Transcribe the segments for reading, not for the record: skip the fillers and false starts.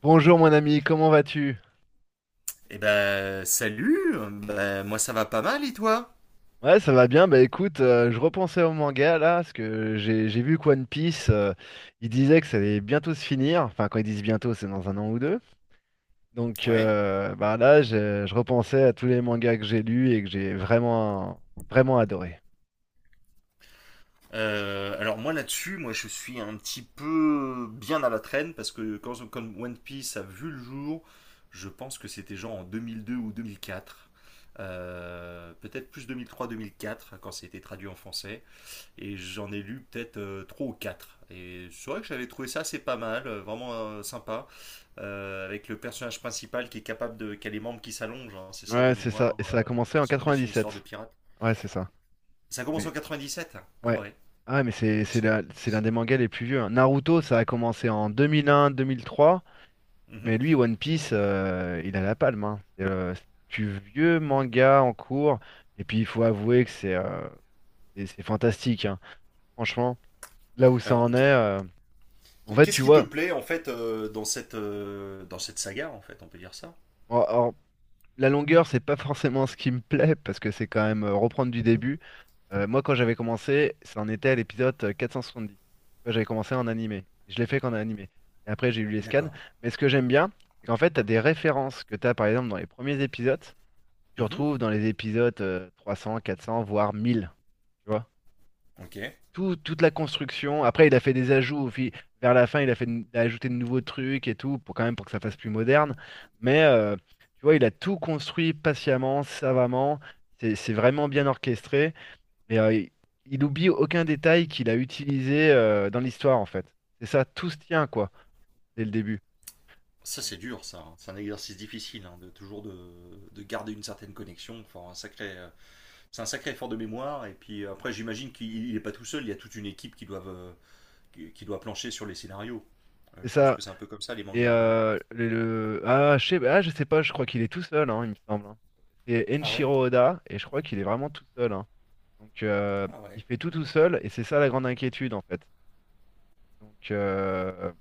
Bonjour mon ami, comment vas-tu? Salut. Ben, moi, ça va pas mal, et toi? Ouais, ça va bien. Bah écoute, je repensais au manga là, parce que j'ai vu que One Piece, il disait que ça allait bientôt se finir. Enfin, quand ils disent bientôt, c'est dans un an ou deux. Donc Ouais. euh, bah là, je repensais à tous les mangas que j'ai lus et que j'ai vraiment vraiment adoré. Alors moi là-dessus, moi je suis un petit peu bien à la traîne parce que quand One Piece a vu le jour, je pense que c'était genre en 2002 ou 2004. Peut-être plus 2003-2004 quand ça a été traduit en français. Et j'en ai lu peut-être trois ou quatre. Et c'est vrai que j'avais trouvé ça assez pas mal, vraiment sympa, avec le personnage principal qui est capable de, qui a les membres qui s'allongent, hein, c'est ça de Ouais, c'est ça. mémoire, Et ça a commencé en centré sur une histoire de 97. pirate. Ouais, c'est ça. Ça commence en Mais 97? Ah ouais. ouais. Ah, mais Oh, c'est- c'est l'un c'est- des mangas les plus vieux, hein. Naruto, ça a commencé en 2001-2003. Mhm. Mais lui, One Piece, il a la palme, hein. C'est le plus vieux manga en cours. Et puis, il faut avouer que c'est fantastique, hein. Franchement, là où ça Alors, en est, en fait, qu'est-ce tu qui te vois, plaît en fait, dans cette, dans cette saga en fait, on peut dire ça? or- or, la longueur, c'est pas forcément ce qui me plaît parce que c'est quand même reprendre du début. Moi, quand j'avais commencé, ça en était à l'épisode 470. Tu vois, j'avais commencé en animé. Je l'ai fait qu'en animé. Et après, j'ai eu les scans. D'accord. Mais ce que j'aime bien, c'est qu'en fait, tu as des références que tu as, par exemple, dans les premiers épisodes, tu Mhm. retrouves dans les épisodes 300, 400, voire 1000, tu vois. Ok. Toute la construction. Après, il a fait des ajouts vers la fin. Il a ajouté de nouveaux trucs et tout, pour quand même pour que ça fasse plus moderne. Mais euh, tu vois, il a tout construit patiemment, savamment. C'est vraiment bien orchestré. Mais euh, il, il oublie aucun détail qu'il a utilisé dans l'histoire, en fait. C'est ça, tout se tient, quoi, dès le début. Ça Donc, c'est dur ça, hein. C'est un exercice difficile, hein, de toujours de, garder une certaine connexion. Enfin, un sacré c'est un sacré effort de mémoire. Et puis après, j'imagine qu'il n'est pas tout seul. Il y a toute une équipe qui doit plancher sur les scénarios. C'est Je pense ça. que c'est un peu comme ça les mangas, non? Ah, je sais pas, je crois qu'il est tout seul, hein, il me semble, hein. C'est Ah ouais. Enshiro Oda, et je crois qu'il est vraiment tout seul, hein. Donc, euh, Ah ouais. il fait tout tout seul, et c'est ça la grande inquiétude, en fait. Donc, euh,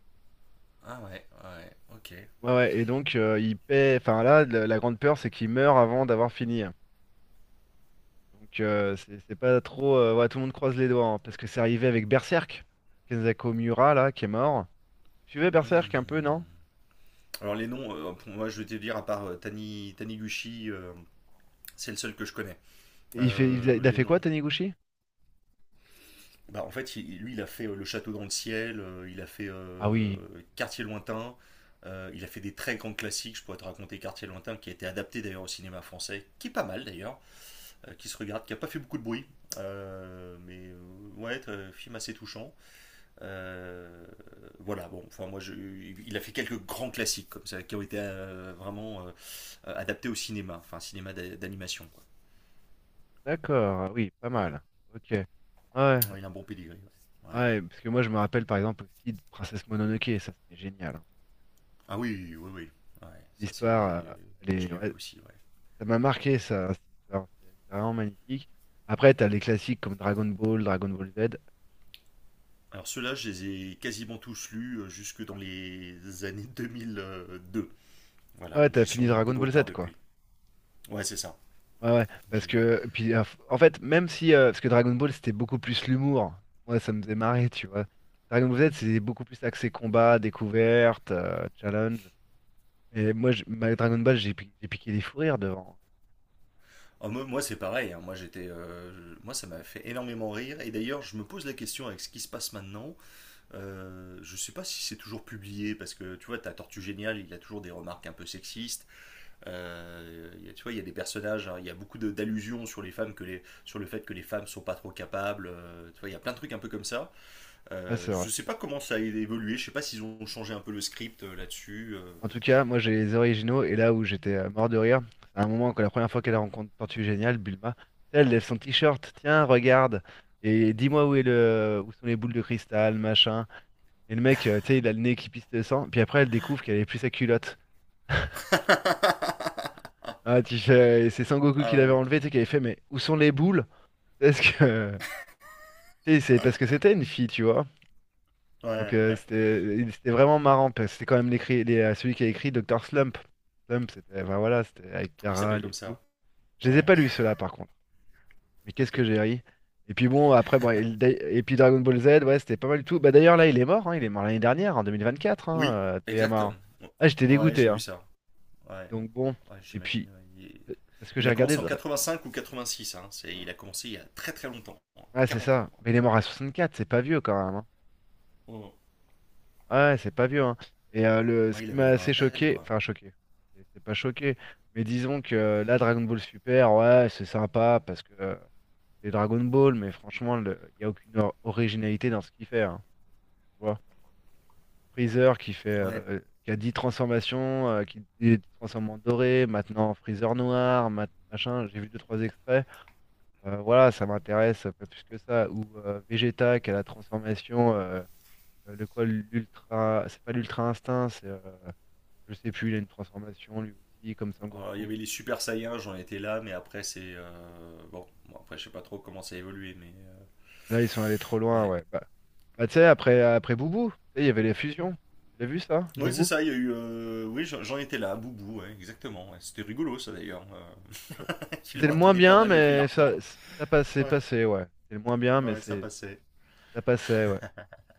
Ah ouais, ouais, ok. ouais, ouais, et donc, il paie. Enfin, là, la grande peur, c'est qu'il meurt avant d'avoir fini, hein. C'est pas trop. Ouais, tout le monde croise les doigts, hein, parce que c'est arrivé avec Berserk, Kenzaku Miura, là, qui est mort. Tu veux Hmm. Berserk un peu, non? Alors les noms, pour moi je vais te dire, à part Taniguchi, c'est le seul que je connais. Il fait... il a Les fait noms. quoi, Taniguchi? Bah, en fait, lui, il a fait Le Château dans le Ciel, il a fait Ah oui. Quartier Lointain, il a fait des très grands classiques. Je pourrais te raconter Quartier Lointain, qui a été adapté d'ailleurs au cinéma français, qui est pas mal d'ailleurs, qui se regarde, qui n'a pas fait beaucoup de bruit. Mais ouais, film assez touchant. Euh, voilà, bon, enfin moi, il a fait quelques grands classiques comme ça qui ont été vraiment adaptés au cinéma, enfin cinéma d'animation, quoi. D'accord, ah oui, pas Mm. mal. Ok. Ouais, Ouais, il a un bon pedigree. Ouais. Ouais. ouais, parce que moi je me rappelle par exemple aussi de Princesse Mononoke, ça c'était génial, hein. Ah oui, oui, oui. Ouais, L'histoire, euh, je l'ai vu ouais, aussi. Ouais. ça m'a marqué ça, cette histoire, c'est vraiment magnifique. Après, t'as les classiques comme Dragon Ball, Dragon Ball Z. Alors ceux-là, je les ai quasiment tous lus jusque dans les années 2002. Voilà, Ouais, donc t'as j'ai fini sûrement un peu Dragon de Ball Z retard quoi. depuis. Ouais, c'est ça. Ouais, ouais, parce J'ai que, puis en fait, même si, parce que Dragon Ball c'était beaucoup plus l'humour, moi ça me faisait marrer, tu vois. Dragon Ball Z c'était beaucoup plus axé combat, découverte, challenge. Et moi, ma Dragon Ball, j'ai piqué des fous rires devant. Oh, moi, c'est pareil, hein. Moi, ça m'a fait énormément rire. Et d'ailleurs, je me pose la question avec ce qui se passe maintenant. Je sais pas si c'est toujours publié parce que tu vois, t'as Tortue Géniale, il a toujours des remarques un peu sexistes. Tu vois, il y a des personnages, hein, il y a d'allusions sur les femmes, sur le fait que les femmes sont pas trop capables, tu vois, il y a plein de trucs un peu comme ça. Ouais, c'est Je vrai. sais pas comment ça a évolué. Je sais pas s'ils ont changé un peu le script là-dessus. En tout cas, moi j'ai les originaux et là où j'étais mort de rire, c'est un moment quand la première fois qu'elle rencontre Tortue Géniale, Bulma, tu sais, elle lève son t-shirt, tiens, regarde, et dis-moi où est le où sont les boules de cristal, machin. Et le mec, tu sais, il a le nez qui pisse le sang, puis après elle découvre qu'elle avait plus sa culotte. Ah, et c'est Sangoku qui Ah l'avait ouais, enlevé, tu sais, qui avait fait, mais où sont les boules? Parce que tu sais, c'est parce que c'était une fille, tu vois. Ouais, ouais. C'était vraiment marrant parce que c'était quand même celui qui a écrit Docteur Slump. Slump c'était enfin, voilà, c'était avec Il s'appelle Carral et comme tout. ça. Je les ai Ouais. pas lus ceux-là par contre. Mais qu'est-ce Ok. que j'ai ri. Et puis bon après bon et, le Dai- et puis Dragon Ball Z ouais, c'était pas mal du tout. Bah d'ailleurs là il est mort hein, il est mort l'année dernière en 2024 hein, Oui, Toyama, exactement. hein. Ah, j'étais Ouais, dégoûté j'ai vu hein. ça. Ouais, Donc bon ouais, et j'imagine, puis ouais. Parce que Il j'ai a regardé commencé en Dra- 85 ou 86, hein. Il a commencé il y a très très longtemps, hein. Ah, c'est 40 ans. ça. Mais il est mort à 64, c'est pas vieux quand même, hein. Moi, Ah ouais, c'est pas vieux, hein. Ce il qui avait m'a la assez vingtaine, choqué, quoi. enfin choqué, c'est pas choqué, mais disons que là, Dragon Ball Super, ouais, c'est sympa parce que c'est Dragon Ball, mais franchement, il n'y a aucune originalité dans ce qu'il fait, hein, tu vois. Freezer qui fait, Ouais. Qui a 10 transformations, qui se transforme en doré, maintenant Freezer noir, machin, j'ai vu deux trois extraits. Voilà, ça m'intéresse pas plus que ça. Ou Vegeta qui a la transformation, le quoi, l'ultra, c'est pas l'ultra instinct, c'est je sais plus, il a une transformation lui aussi, comme Alors, il y Sangoku. avait les Super Saiyans, j'en étais là, mais après, c'est. Bon, après, je sais pas trop comment ça a évolué, mais. Là, ils sont allés trop loin, Ouais. ouais. Bah, tu sais, après Boubou, tu sais, il y avait les fusions. Tu l'as vu ça, Oui, c'est Boubou? ça, il y a eu. Oui, j'en étais là, Boubou, ouais, exactement, ouais. C'était rigolo, ça d'ailleurs. Bon. Il C'était leur le a moins donné pas bien, mal de fil à mais retordre. ça passait, Ouais, passé, ouais. C'était le moins bien, mais ouais, ça passait. ça passait, ouais.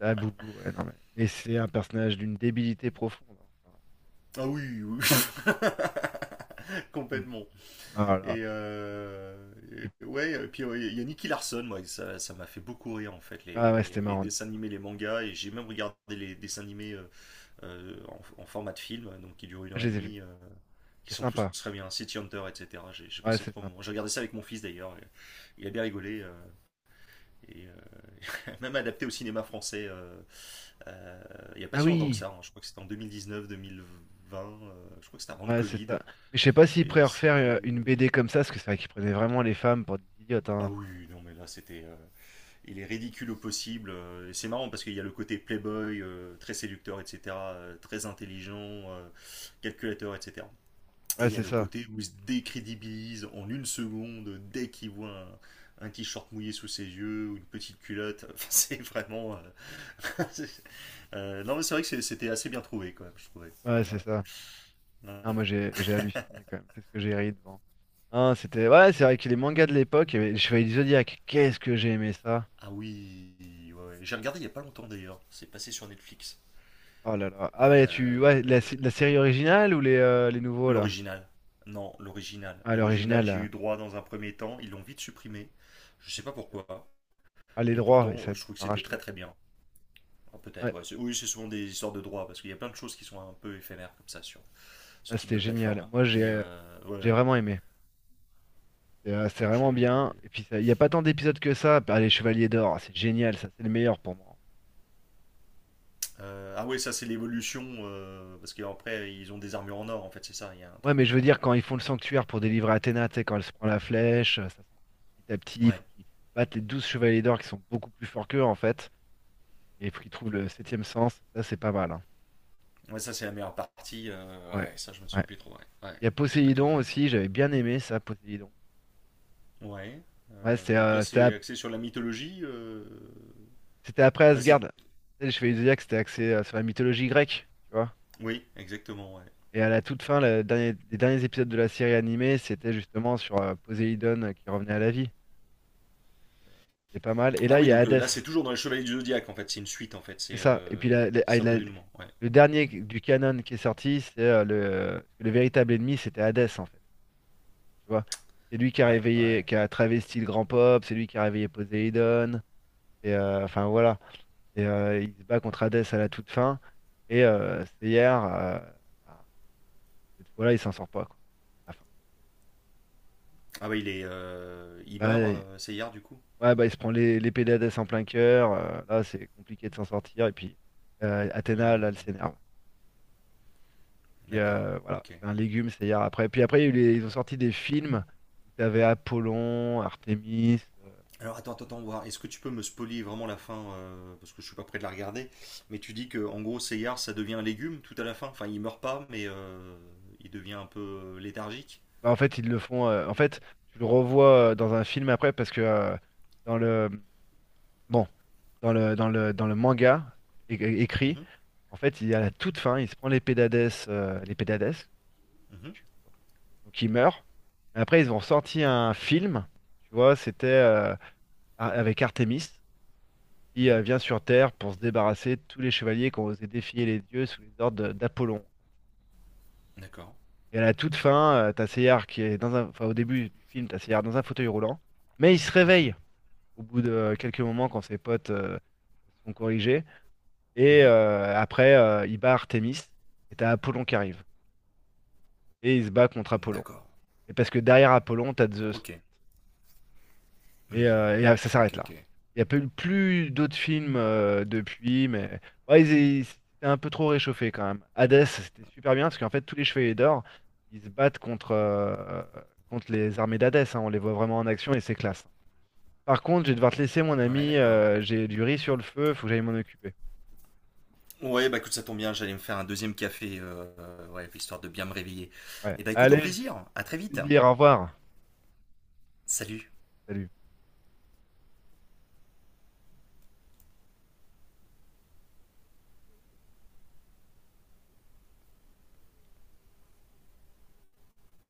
Ah, Boubou, ouais, non, mais c'est un personnage d'une débilité profonde, hein. Enfin, Ah oui, oui, Boubou. complètement. Ah là là. Et, euh, Et- ouais, et puis il y a Nicky Larson, moi, ça m'a fait beaucoup rire en fait, ah ouais, c'était les marrant, dessins Nicolas. animés, les mangas, et j'ai même regardé les dessins animés, en format de film, donc qui durent une heure Je et les ai vus. demie, qui C'est sont tous sympa. très bien, City Hunter, etc. J'ai Ouais, passé c'est trop sympa. moments. J'ai regardé ça avec mon fils d'ailleurs, et il a bien rigolé, et même adapté au cinéma français, euh, il n'y a pas Ah si longtemps que oui! ça, hein. Je crois que c'était en 2019-2020, je crois que c'était avant le Ouais, c'est Covid, ça. Mais je sais pas s'ils pourraient et refaire une c'était. BD comme ça, parce que c'est vrai qu'ils prenaient vraiment les femmes pour des idiotes, Ah hein. oui, Enfin, oui, non mais là c'était. Il est ridicule au possible. Et c'est marrant parce qu'il y a le côté playboy, très séducteur, etc., très intelligent, euh, calculateur, etc. Et ouais, il y a c'est le ça. côté où il se décrédibilise en une seconde dès qu'il voit un t-shirt mouillé sous ses yeux ou une petite culotte. Enfin, c'est vraiment. C'est- non, mais c'est vrai que c'était assez bien trouvé, quand même, je trouvais. Ouais, c'est Ouais, ça. ouais, Ah, ouais. moi, j'ai halluciné quand même. Qu'est-ce que j'ai ri devant. Ah, c'était. Ouais, c'est vrai que les mangas de l'époque, il y avait les Chevaliers du Zodiaque. Qu'est-ce que j'ai aimé ça. Ah oui, ouais, ouais. J'ai regardé il n'y a pas longtemps d'ailleurs. C'est passé sur Netflix. Oh là là. Ah, Et mais tu. Ouais, euh, la série originale ou les nouveaux, là? L'original. Non, l'original. Ah, l'original, L'original, j'ai eu là. droit dans un premier temps. Ils l'ont vite supprimé. Je Ah, sais pas c'est bizarre. pourquoi. Ah, les Et droits, et ça pourtant, a je dû trouve se que faire c'était très racheter. très bien. Ah, peut-être, Ouais, ouais. Oui, c'est souvent des histoires de droits parce qu'il y a plein de choses qui sont un peu éphémères comme ça sur ce ah, type de c'était génial. plateforme. Moi, Mais ouais, j'ai ouais. vraiment aimé. Ouais, C'est moi vraiment bien. j'ai. Et puis, il n'y a pas tant d'épisodes que ça. Ah, les Chevaliers d'Or, ah, c'est génial, ça, c'est le meilleur pour moi. Ah ouais, ça c'est l'évolution, parce qu'après ils ont des armures en or en fait, c'est ça, il y a un Ouais, mais truc. je veux dire, quand ils font le sanctuaire pour délivrer Athéna, tu sais, quand elle se prend la flèche, ça s'enfonce petit à petit. Il faut Ouais. qu'ils battent les 12 Chevaliers d'Or qui sont beaucoup plus forts qu'eux, en fait. Et il faut qu'ils trouvent le septième sens. Ça, c'est pas mal, hein. Ouais, ça c'est la meilleure partie. Ouais. Ouais, ça je me Ouais. souviens plus trop. Ouais, ouais, ouais, Il y a j'ai pas tout Poséidon vu. aussi, j'avais bien aimé ça, Poséidon. Ouais. Ouais, Donc là, c'est axé sur la mythologie. C'était après Enfin, Asgard. Tu c'est. sais, Les Chevaliers du Zodiaque, c'était axé sur la mythologie grecque, tu vois. Oui, exactement, ouais. Et à la toute fin, les derniers épisodes de la série animée, c'était justement sur Poséidon qui revenait à la vie. Euh, C'est pas mal. Et Ah là, il oui, y a donc là, c'est Hadès. toujours dans les Chevaliers du Zodiaque, en fait. C'est une suite, en fait. C'est ça. Et puis C'est un peu l'élément. Ouais. le dernier du canon qui est sorti, le véritable ennemi, c'était Hadès, en fait. Tu vois? C'est lui qui a Ouais, réveillé, ouais. qui a travesti le grand pop, c'est lui qui a réveillé Poséidon. Enfin voilà. Il se bat contre Hadès à la toute fin. Mhm. C'est hier, bah, cette fois-là, il s'en sort pas, quoi. Enfin, Ah bah, il est. Il bah, meurt, Seyard, du coup. ouais, bah, il se prend l'épée d'Hadès en plein cœur. Là, c'est compliqué de s'en sortir. Et puis, Athéna, là, elle Hmm. s'énerve. Puis, D'accord. Voilà, Ok. c'est un légume, c'est hier après. Puis après, il y a eu les- ils ont sorti des films où tu avais Apollon, Artémis. Alors attends, attends, attends, voir. Est-ce que tu peux me spoiler vraiment la fin, parce que je suis pas prêt de la regarder. Mais tu dis que en gros, Seyard, ça devient un légume tout à la fin. Enfin, il meurt pas, mais il devient un peu léthargique. Ils le font. Tu le revois dans un film après parce que dans le, bon, dans le, dans le, dans le manga é- écrit, Mhm, en fait, il y a la toute fin, il se prend l'épée d'Hadès, l'épée d'Hadès, mhm, donc il meurt. Mais après, ils ont sorti un film, tu vois, avec Artemis, qui mhm. vient sur Terre pour se débarrasser de tous les chevaliers qui ont osé défier les dieux sous les ordres d'Apollon. D'accord. Et à la toute fin, t'as Seyard qui est dans un... Enfin, au début du film, t'as Seyard dans un fauteuil roulant, mais il se réveille Mhm, au bout de quelques moments quand ses potes sont corrigés. Mhm. Après, il bat Artemis, et t'as Apollon qui arrive. Et il se bat contre Apollon. D'accord. Et parce que derrière Apollon, t'as Zeus. Ok. Hmm. Ça Ok, s'arrête ok. là. Il n'y a pas eu plus d'autres films depuis, mais ouais, c'était un peu trop réchauffé quand même. Hades, c'était super bien parce qu'en fait, tous les chevaliers d'or, ils se battent contre, contre les armées d'Hadès, hein. On les voit vraiment en action et c'est classe. Par contre, je vais devoir te laisser, mon Ouais, ami. d'accord. J'ai du riz sur le feu, faut que j'aille m'en occuper. Ouais, bah écoute, ça tombe bien, j'allais me faire un deuxième café, ouais, histoire de bien me réveiller. Ouais. Et bah écoute, au Allez, plaisir, à au très vite. plaisir, au revoir. Salut. Salut.